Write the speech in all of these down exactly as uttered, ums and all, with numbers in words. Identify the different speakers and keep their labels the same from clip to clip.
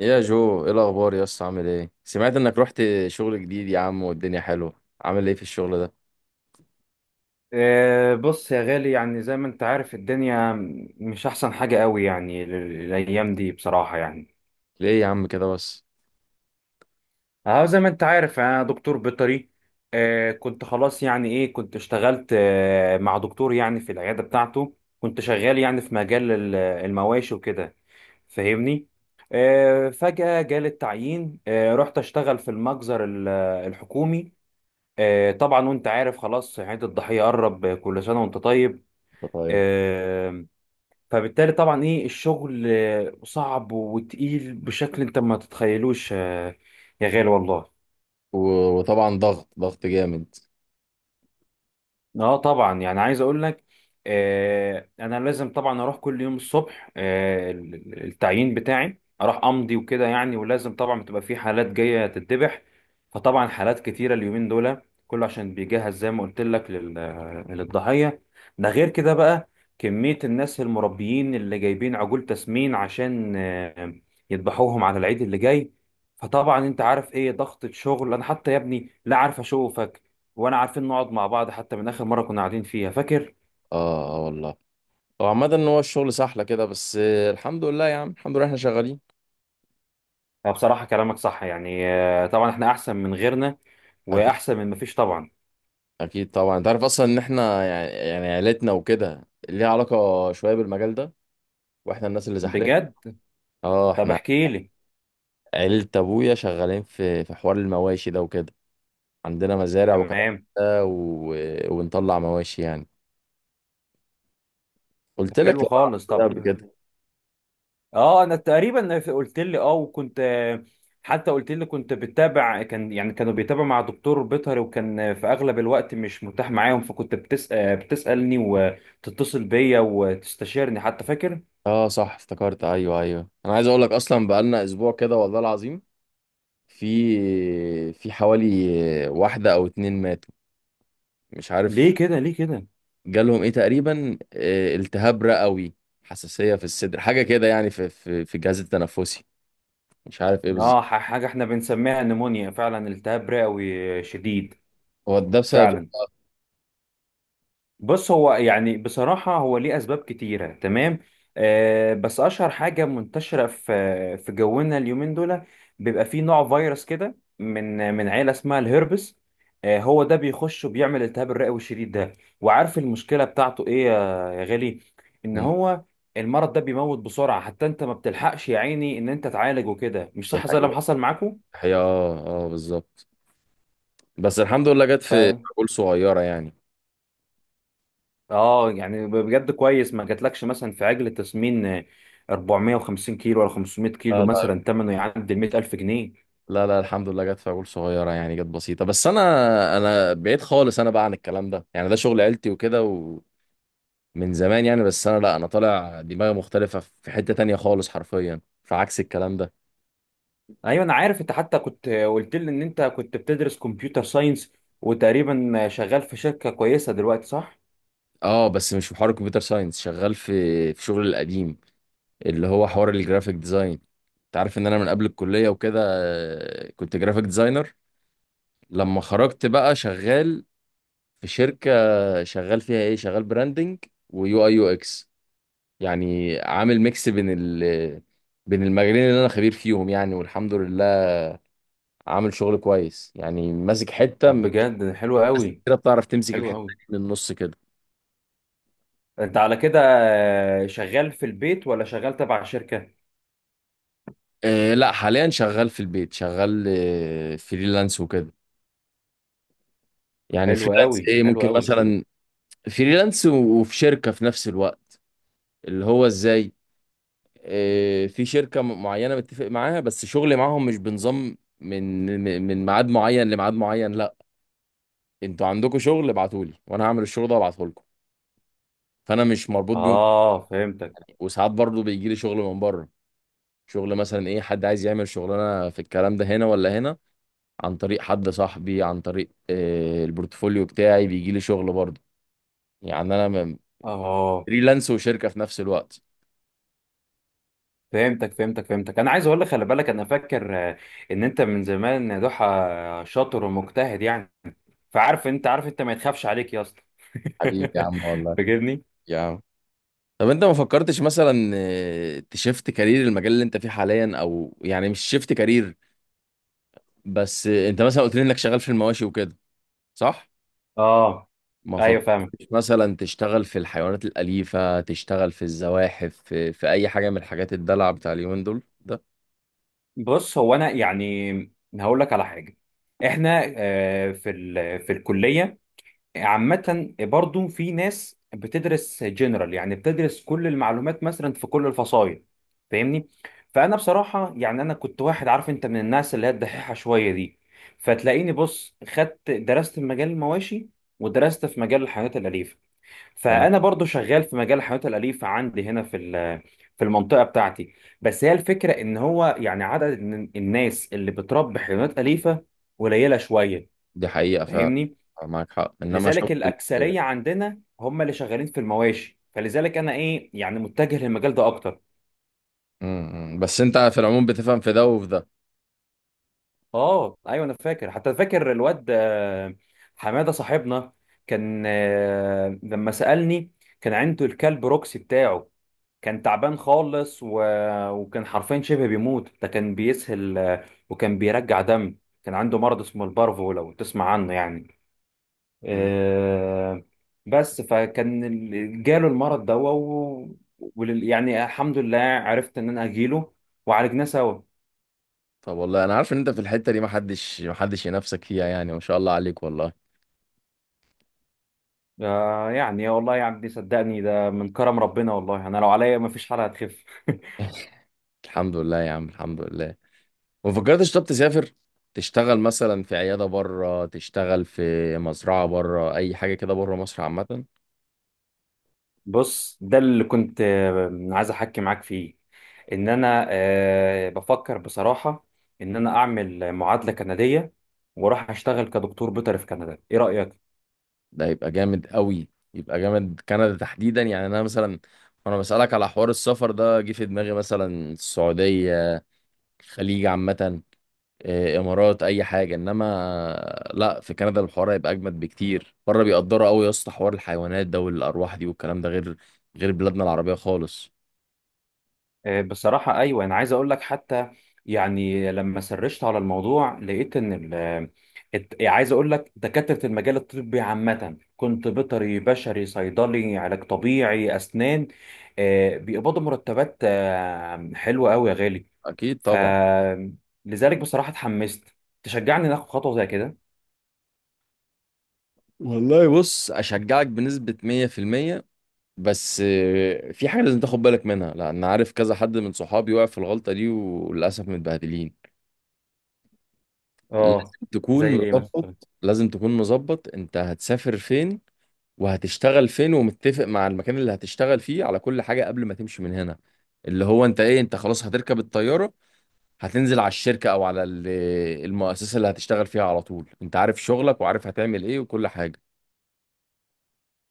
Speaker 1: يا جو، ايه الاخبار يا اسطى؟ عامل ايه؟ سمعت انك رحت شغل جديد يا عم، والدنيا حلوه. عامل ايه في الشغل ده؟
Speaker 2: آه، بص يا غالي، يعني زي ما انت عارف الدنيا مش احسن حاجة قوي يعني ال- الايام دي بصراحة يعني.
Speaker 1: ليه يا عم كده بس؟
Speaker 2: اه زي ما انت عارف انا دكتور بيطري. آه، كنت خلاص يعني ايه كنت اشتغلت آه، مع دكتور يعني في العيادة بتاعته، كنت شغال يعني في مجال ال- المواشي وكده. فاهمني؟ آه، فجأة جالي التعيين، آه، رحت اشتغل في المجزر ال- الحكومي. آه، طبعا وانت عارف خلاص عيد الضحية قرب. كل سنة وانت طيب.
Speaker 1: انت طيب.
Speaker 2: آه، فبالتالي طبعا ايه الشغل آه، صعب وتقيل بشكل انت ما تتخيلوش، آه، يا غالي والله.
Speaker 1: و- وطبعا ضغط ضغط جامد.
Speaker 2: اه طبعا، يعني عايز اقول لك، آه انا لازم طبعا اروح كل يوم الصبح آه ال- ال- التعيين بتاعي، اروح امضي وكده يعني. ولازم طبعا بتبقى في حالات جايه تتذبح، فطبعا حالات كتيره اليومين دول كله، عشان بيجهز زي ما قلت لك لل- للضحيه. ده غير كده بقى كميه الناس المربيين اللي جايبين عجول تسمين عشان آه يذبحوهم على العيد اللي جاي. فطبعا انت عارف ايه ضغطة شغل. انا حتى يا ابني لا عارف اشوفك وانا عارفين نقعد مع بعض، حتى من اخر مره كنا قاعدين فيها، فاكر؟
Speaker 1: اه اه والله. هو عامه ان هو الشغل سحله كده، بس آه، الحمد لله يا عم، الحمد لله احنا شغالين.
Speaker 2: آه، بصراحه كلامك صح يعني، آه، طبعا احنا احسن من غيرنا
Speaker 1: اكيد،
Speaker 2: واحسن من مفيش طبعا.
Speaker 1: اكيد طبعا. انت عارف اصلا ان احنا يعني يعني عيلتنا وكده ليها علاقه شويه بالمجال ده، واحنا الناس اللي زحلين.
Speaker 2: بجد؟
Speaker 1: اه
Speaker 2: طب
Speaker 1: احنا،
Speaker 2: احكي لي.
Speaker 1: عيلة ابويا شغالين في في حوار المواشي ده وكده. عندنا مزارع وكلام من
Speaker 2: تمام.
Speaker 1: ده و... ونطلع مواشي يعني.
Speaker 2: طب
Speaker 1: قلت لك
Speaker 2: حلو
Speaker 1: لا،
Speaker 2: خالص.
Speaker 1: ده
Speaker 2: طب
Speaker 1: قبل كده.
Speaker 2: اه انا تقريبا قلت لي اه، وكنت آه، حتى قلت لي كنت بتابع، كان يعني كانوا بيتابعوا مع دكتور بيطري وكان آه، في اغلب الوقت مش متاح معاهم، فكنت بتس... آه، بتسالني وتتصل بيا وتستشيرني، حتى فاكر؟
Speaker 1: اه صح افتكرت، ايوه ايوه، انا عايز اقول لك اصلا بقالنا اسبوع كده والله العظيم. في في حوالي واحده او اتنين ماتوا، مش عارف.
Speaker 2: ليه كده؟ ليه كده؟
Speaker 1: جالهم ايه تقريبا، آه، التهاب رئوي، حساسيه في الصدر، حاجه كده يعني في في في الجهاز التنفسي. مش عارف ايه
Speaker 2: اه
Speaker 1: بالظبط.
Speaker 2: ح- حاجة احنا بنسميها نمونيا، فعلا التهاب رئوي شديد.
Speaker 1: هو ده بسبب؟
Speaker 2: فعلا. بص هو يعني بصراحة هو ليه أسباب كتيرة، تمام؟ آه، بس أشهر حاجة منتشرة في في جونا اليومين دول، بيبقى فيه نوع فيروس كده من من عيلة اسمها الهربس. آه، هو ده بيخش وبيعمل التهاب الرئوي الشديد ده. وعارف المشكلة بتاعته إيه يا يا غالي؟ إن
Speaker 1: مم.
Speaker 2: هو المرض ده بيموت بسرعة، حتى أنت ما بتلحقش يا عيني إن أنت تعالج وكده، مش صح؟ زي
Speaker 1: دي
Speaker 2: اللي حصل معاكم.
Speaker 1: حقيقة. اه اه بالظبط. بس الحمد لله جت في عقول صغيره يعني.
Speaker 2: اه يعني بجد كويس ما جاتلكش مثلا في عجل تسمين آه، أربعمية وخمسين كيلو ولا خمسمية كيلو،
Speaker 1: اه
Speaker 2: مثلا ثمنه يعدي ال مية ألف جنيه.
Speaker 1: لا لا، الحمد لله جت فاول صغيره يعني، جت بسيطه. بس انا انا بعيد خالص، انا بقى عن الكلام ده يعني، ده شغل عيلتي وكده ومن زمان يعني. بس انا لا، انا طالع دماغي مختلفه في حته تانية خالص، حرفيا في عكس الكلام ده.
Speaker 2: ايوه انا عارف، انت حتى كنت آه، قلت لي ان انت كنت بتدرس كمبيوتر ساينس، وتقريبا آه، شغال في شركة كويسة دلوقتي، صح؟
Speaker 1: اه بس مش في حوار الكمبيوتر ساينس، شغال في في شغل القديم اللي هو حوار الجرافيك ديزاين. انت عارف ان انا من قبل الكليه وكده آه، كنت جرافيك ديزاينر. لما خرجت بقى، شغال في شركه، شغال فيها ايه، شغال براندنج ويو اي يو اكس. يعني عامل ميكس بين ال بين المجالين اللي انا خبير فيهم يعني، والحمد لله عامل شغل كويس يعني، ماسك حته،
Speaker 2: طب
Speaker 1: مش
Speaker 2: بجد حلو
Speaker 1: ناس
Speaker 2: قوي.
Speaker 1: كده بتعرف تمسك
Speaker 2: حلو
Speaker 1: الحته
Speaker 2: قوي.
Speaker 1: دي من النص كده.
Speaker 2: انت على كده آه، شغال في البيت ولا شغال تبع شركة؟
Speaker 1: آه لا، حاليا شغال في البيت، شغال آه فريلانس وكده. يعني
Speaker 2: حلو
Speaker 1: فريلانس
Speaker 2: قوي،
Speaker 1: ايه،
Speaker 2: حلو
Speaker 1: ممكن
Speaker 2: قوي.
Speaker 1: مثلا فريلانس و- وفي شركه في نفس الوقت. اللي هو ازاي؟ آه في شركه م- معينه متفق معاها، بس شغلي معاهم مش بنظام من من من ميعاد معين لميعاد معين، لا. انتوا عندكم شغل ابعتولي وانا هعمل الشغل ده وابعته لكم. فانا مش مربوط بيهم.
Speaker 2: اه فهمتك.
Speaker 1: وساعات برضه بيجي لي شغل من بره، شغل مثلا ايه، حد عايز يعمل شغلانه في الكلام ده هنا ولا هنا، عن طريق حد صاحبي، عن طريق آه، البورتفوليو بتاعي بيجي لي شغل برضه. يعني انا م-
Speaker 2: اه
Speaker 1: فريلانس وشركه في نفس الوقت.
Speaker 2: فهمتك فهمتك فهمتك انا عايز اقول لك، خلي بالك، انا فاكر آه، ان انت من زمان يا ضحى آه، شاطر ومجتهد يعني. فعارف، انت عارف انت ما يتخافش عليك يا اسطى.
Speaker 1: حبيبي يا عم، والله
Speaker 2: فاكرني؟
Speaker 1: يا عم. طب انت ما فكرتش مثلا آه، تشفت كارير المجال اللي انت فيه حاليا، او يعني مش شفت كارير، بس آه، انت مثلا قلت لي انك شغال في المواشي وكده، صح؟
Speaker 2: اه
Speaker 1: ما
Speaker 2: ايوه
Speaker 1: فكرتش
Speaker 2: فاهم.
Speaker 1: مثلا تشتغل في الحيوانات الأليفة، تشتغل في الزواحف، في, في أي حاجة من الحاجات الدلع بتاع اليومين دول ده.
Speaker 2: بص هو انا يعني هقول لك على حاجه. احنا آه، في ال- في الكليه عامة برضو في ناس بتدرس جنرال، يعني بتدرس كل المعلومات مثلا في كل الفصائل، فاهمني؟ فأنا بصراحة يعني أنا كنت واحد، عارف أنت، من الناس اللي هي الدحيحة شوية دي. فتلاقيني بص خدت درست في مجال المواشي، ودرست في مجال الحيوانات الأليفة.
Speaker 1: تمام.
Speaker 2: فأنا برضو شغال في مجال الحيوانات الأليفة عندي هنا في ال- في المنطقة بتاعتي. بس هي الفكرة إن هو يعني عدد الن- الناس اللي بتربي حيوانات أليفة قليلة شوية،
Speaker 1: دي حقيقة ف
Speaker 2: فاهمني؟
Speaker 1: معاك حق، إنما شغل
Speaker 2: لذلك
Speaker 1: ال-
Speaker 2: الاكثريه عندنا هم اللي شغالين في المواشي، فلذلك انا ايه يعني متجه للمجال ده اكتر.
Speaker 1: م- م. بس أنت في العموم بتفهم في ده وفي ده.
Speaker 2: اه ايوه انا فاكر، حتى فاكر الواد آه، حماده صاحبنا كان آه، لما سالني كان عنده الكلب روكسي بتاعه، كان تعبان خالص و... وكان حرفيا شبه بيموت، ده كان بيسهل آه، وكان بيرجع دم. كان عنده مرض اسمه البارفو، لو تسمع عنه يعني.
Speaker 1: لا.
Speaker 2: آه، بس فكان ال- جاله المرض ده و... ولل... يعني الحمد لله عرفت ان انا اجيله وعالجناه سوا.
Speaker 1: طب والله أنا عارف إن أنت في الحتة دي محدش محدش ينافسك فيها، يعني ما شاء الله عليك، والله.
Speaker 2: آه، يعني والله يا عبدي صدقني، ده من كرم ربنا والله، انا لو عليا ما فيش حالة هتخف.
Speaker 1: الحمد لله يا عم، الحمد لله. ما فكرتش طب تسافر، تشتغل مثلا في عيادة بره، تشتغل في مزرعة بره، أي حاجة كده بره مصر عامة؟
Speaker 2: بص ده اللي كنت آه، عايز احكي معاك فيه، ان انا آه، بفكر بصراحة ان انا اعمل معادلة كندية واروح اشتغل كدكتور بيطري في كندا، ايه رأيك؟
Speaker 1: ده يبقى جامد قوي، يبقى جامد. كندا تحديدا يعني، انا مثلا وانا بسألك على حوار السفر ده جه في دماغي مثلا السعودية، الخليج عامة، آه، امارات، اي حاجة، انما لا، في كندا الحوار هيبقى اجمد بكتير. بره بيقدروا قوي يا اسطى حوار الحيوانات ده والارواح دي والكلام ده، غير غير بلادنا العربية خالص.
Speaker 2: آه، بصراحة أيوة، أنا عايز أقول لك، حتى يعني لما سرشت على الموضوع لقيت إن ال الت- يعني عايز أقول لك دكاترة المجال الطبي عامة، كنت بيطري بشري صيدلي علاج طبيعي أسنان، آه، بيقبضوا مرتبات آه، حلوة أوي يا غالي.
Speaker 1: اكيد
Speaker 2: ف
Speaker 1: طبعا.
Speaker 2: لذلك بصراحة اتحمست. تشجعني ناخد خطوة زي كده؟
Speaker 1: والله بص، اشجعك بنسبة مية في المية. بس آه، في حاجة لازم تاخد بالك منها، لأن عارف كذا حد من صحابي وقع في الغلطة دي وللأسف متبهدلين. لازم
Speaker 2: اه
Speaker 1: تكون
Speaker 2: زي ايه مثلا؟
Speaker 1: مظبط، لازم تكون مظبط. انت هتسافر فين وهتشتغل فين، ومتفق مع المكان اللي هتشتغل فيه على كل حاجة قبل ما تمشي من هنا. اللي هو انت ايه، انت خلاص هتركب الطيارة، هتنزل على الشركة او على ال- المؤسسة اللي هتشتغل فيها على طول، انت عارف شغلك وعارف هتعمل ايه وكل حاجة.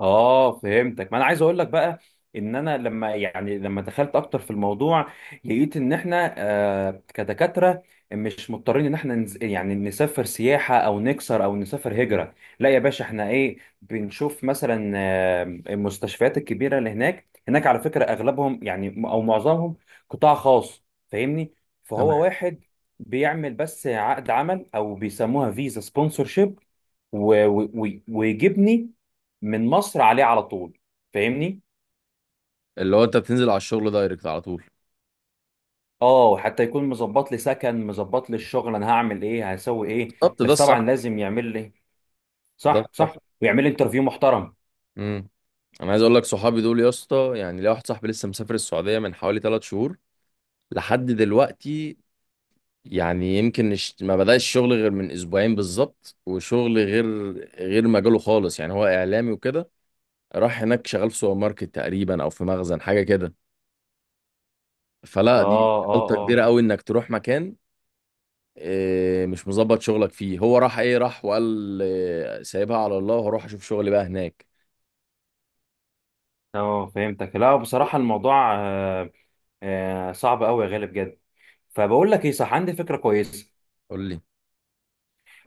Speaker 2: اه فهمتك. ما انا عايز اقول لك بقى ان انا لما يعني لما دخلت اكتر في الموضوع، لقيت ان احنا آه كدكاتره مش مضطرين ان احنا نز... يعني نسافر سياحه او نكسر او نسافر هجره. لا يا باشا، احنا ايه بنشوف مثلا آه، المستشفيات الكبيره اللي هناك. هناك على فكره اغلبهم يعني او معظمهم قطاع خاص، فاهمني؟
Speaker 1: تمام.
Speaker 2: فهو واحد بيعمل بس عقد عمل او بيسموها فيزا سبونسورشيب، ويجيبني من مصر عليه على طول، فاهمني؟
Speaker 1: اللي هو انت بتنزل على الشغل دايركت على طول.
Speaker 2: اه حتى يكون مظبط لي سكن، مظبط لي الشغل، انا هعمل ايه، هسوي ايه.
Speaker 1: بالظبط ده
Speaker 2: بس طبعا
Speaker 1: الصح،
Speaker 2: لازم يعمل لي،
Speaker 1: ده
Speaker 2: صح
Speaker 1: الصح.
Speaker 2: صح، ويعمل لي انترفيو محترم.
Speaker 1: امم انا عايز اقول لك صحابي دول يا اسطى، يعني ليا واحد صاحبي لسه مسافر السعوديه من حوالي ثلاث شهور لحد دلوقتي. يعني يمكن الش- ما بدأش الشغل غير من اسبوعين بالظبط، وشغل غير غير مجاله خالص يعني. هو اعلامي وكده، راح هناك شغال في سوبر ماركت تقريبا او في مخزن، حاجه كده.
Speaker 2: اه
Speaker 1: فلا دي
Speaker 2: اه
Speaker 1: غلطه كبيره
Speaker 2: اه.
Speaker 1: قوي انك تروح مكان آه، مش مظبط شغلك فيه. هو راح ايه، راح وقال آه، سايبها على الله وهروح اشوف شغلي بقى هناك.
Speaker 2: اه فهمتك. لا بصراحة الموضوع آه آه صعب قوي يا غالي، بجد. فبقول لك ايه، صح عندي فكرة كويسة.
Speaker 1: قول لي.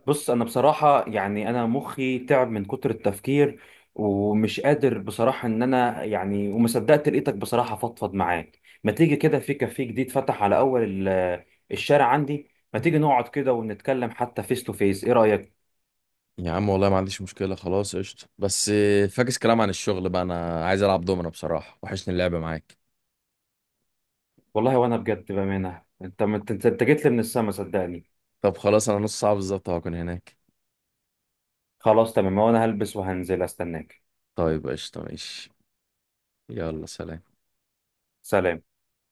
Speaker 2: بص انا بصراحه يعني انا مخي تعب من كتر التفكير ومش قادر بصراحه ان انا يعني. وما صدقت لقيتك بصراحه، فضفض معاك. ما تيجي كده في كافيه جديد فتح على اول ال- الشارع عندي، ما تيجي نقعد كده ونتكلم حتى فيس تو فيس، ايه رايك؟
Speaker 1: يا عم والله ما عنديش مشكله، خلاص قشطه. بس آه، فاكس كلام عن الشغل بقى، انا عايز العب دومنا بصراحه، وحشني اللعب معاك.
Speaker 2: والله وانا بجد بامانه، انت انت أنت جيت لي من السما، صدقني.
Speaker 1: طب خلاص، انا نص ساعه بالظبط هكون هناك.
Speaker 2: خلاص تمام، وانا هلبس وهنزل استناك.
Speaker 1: طيب قشطه، ماشي. يلا سلام.
Speaker 2: سلام.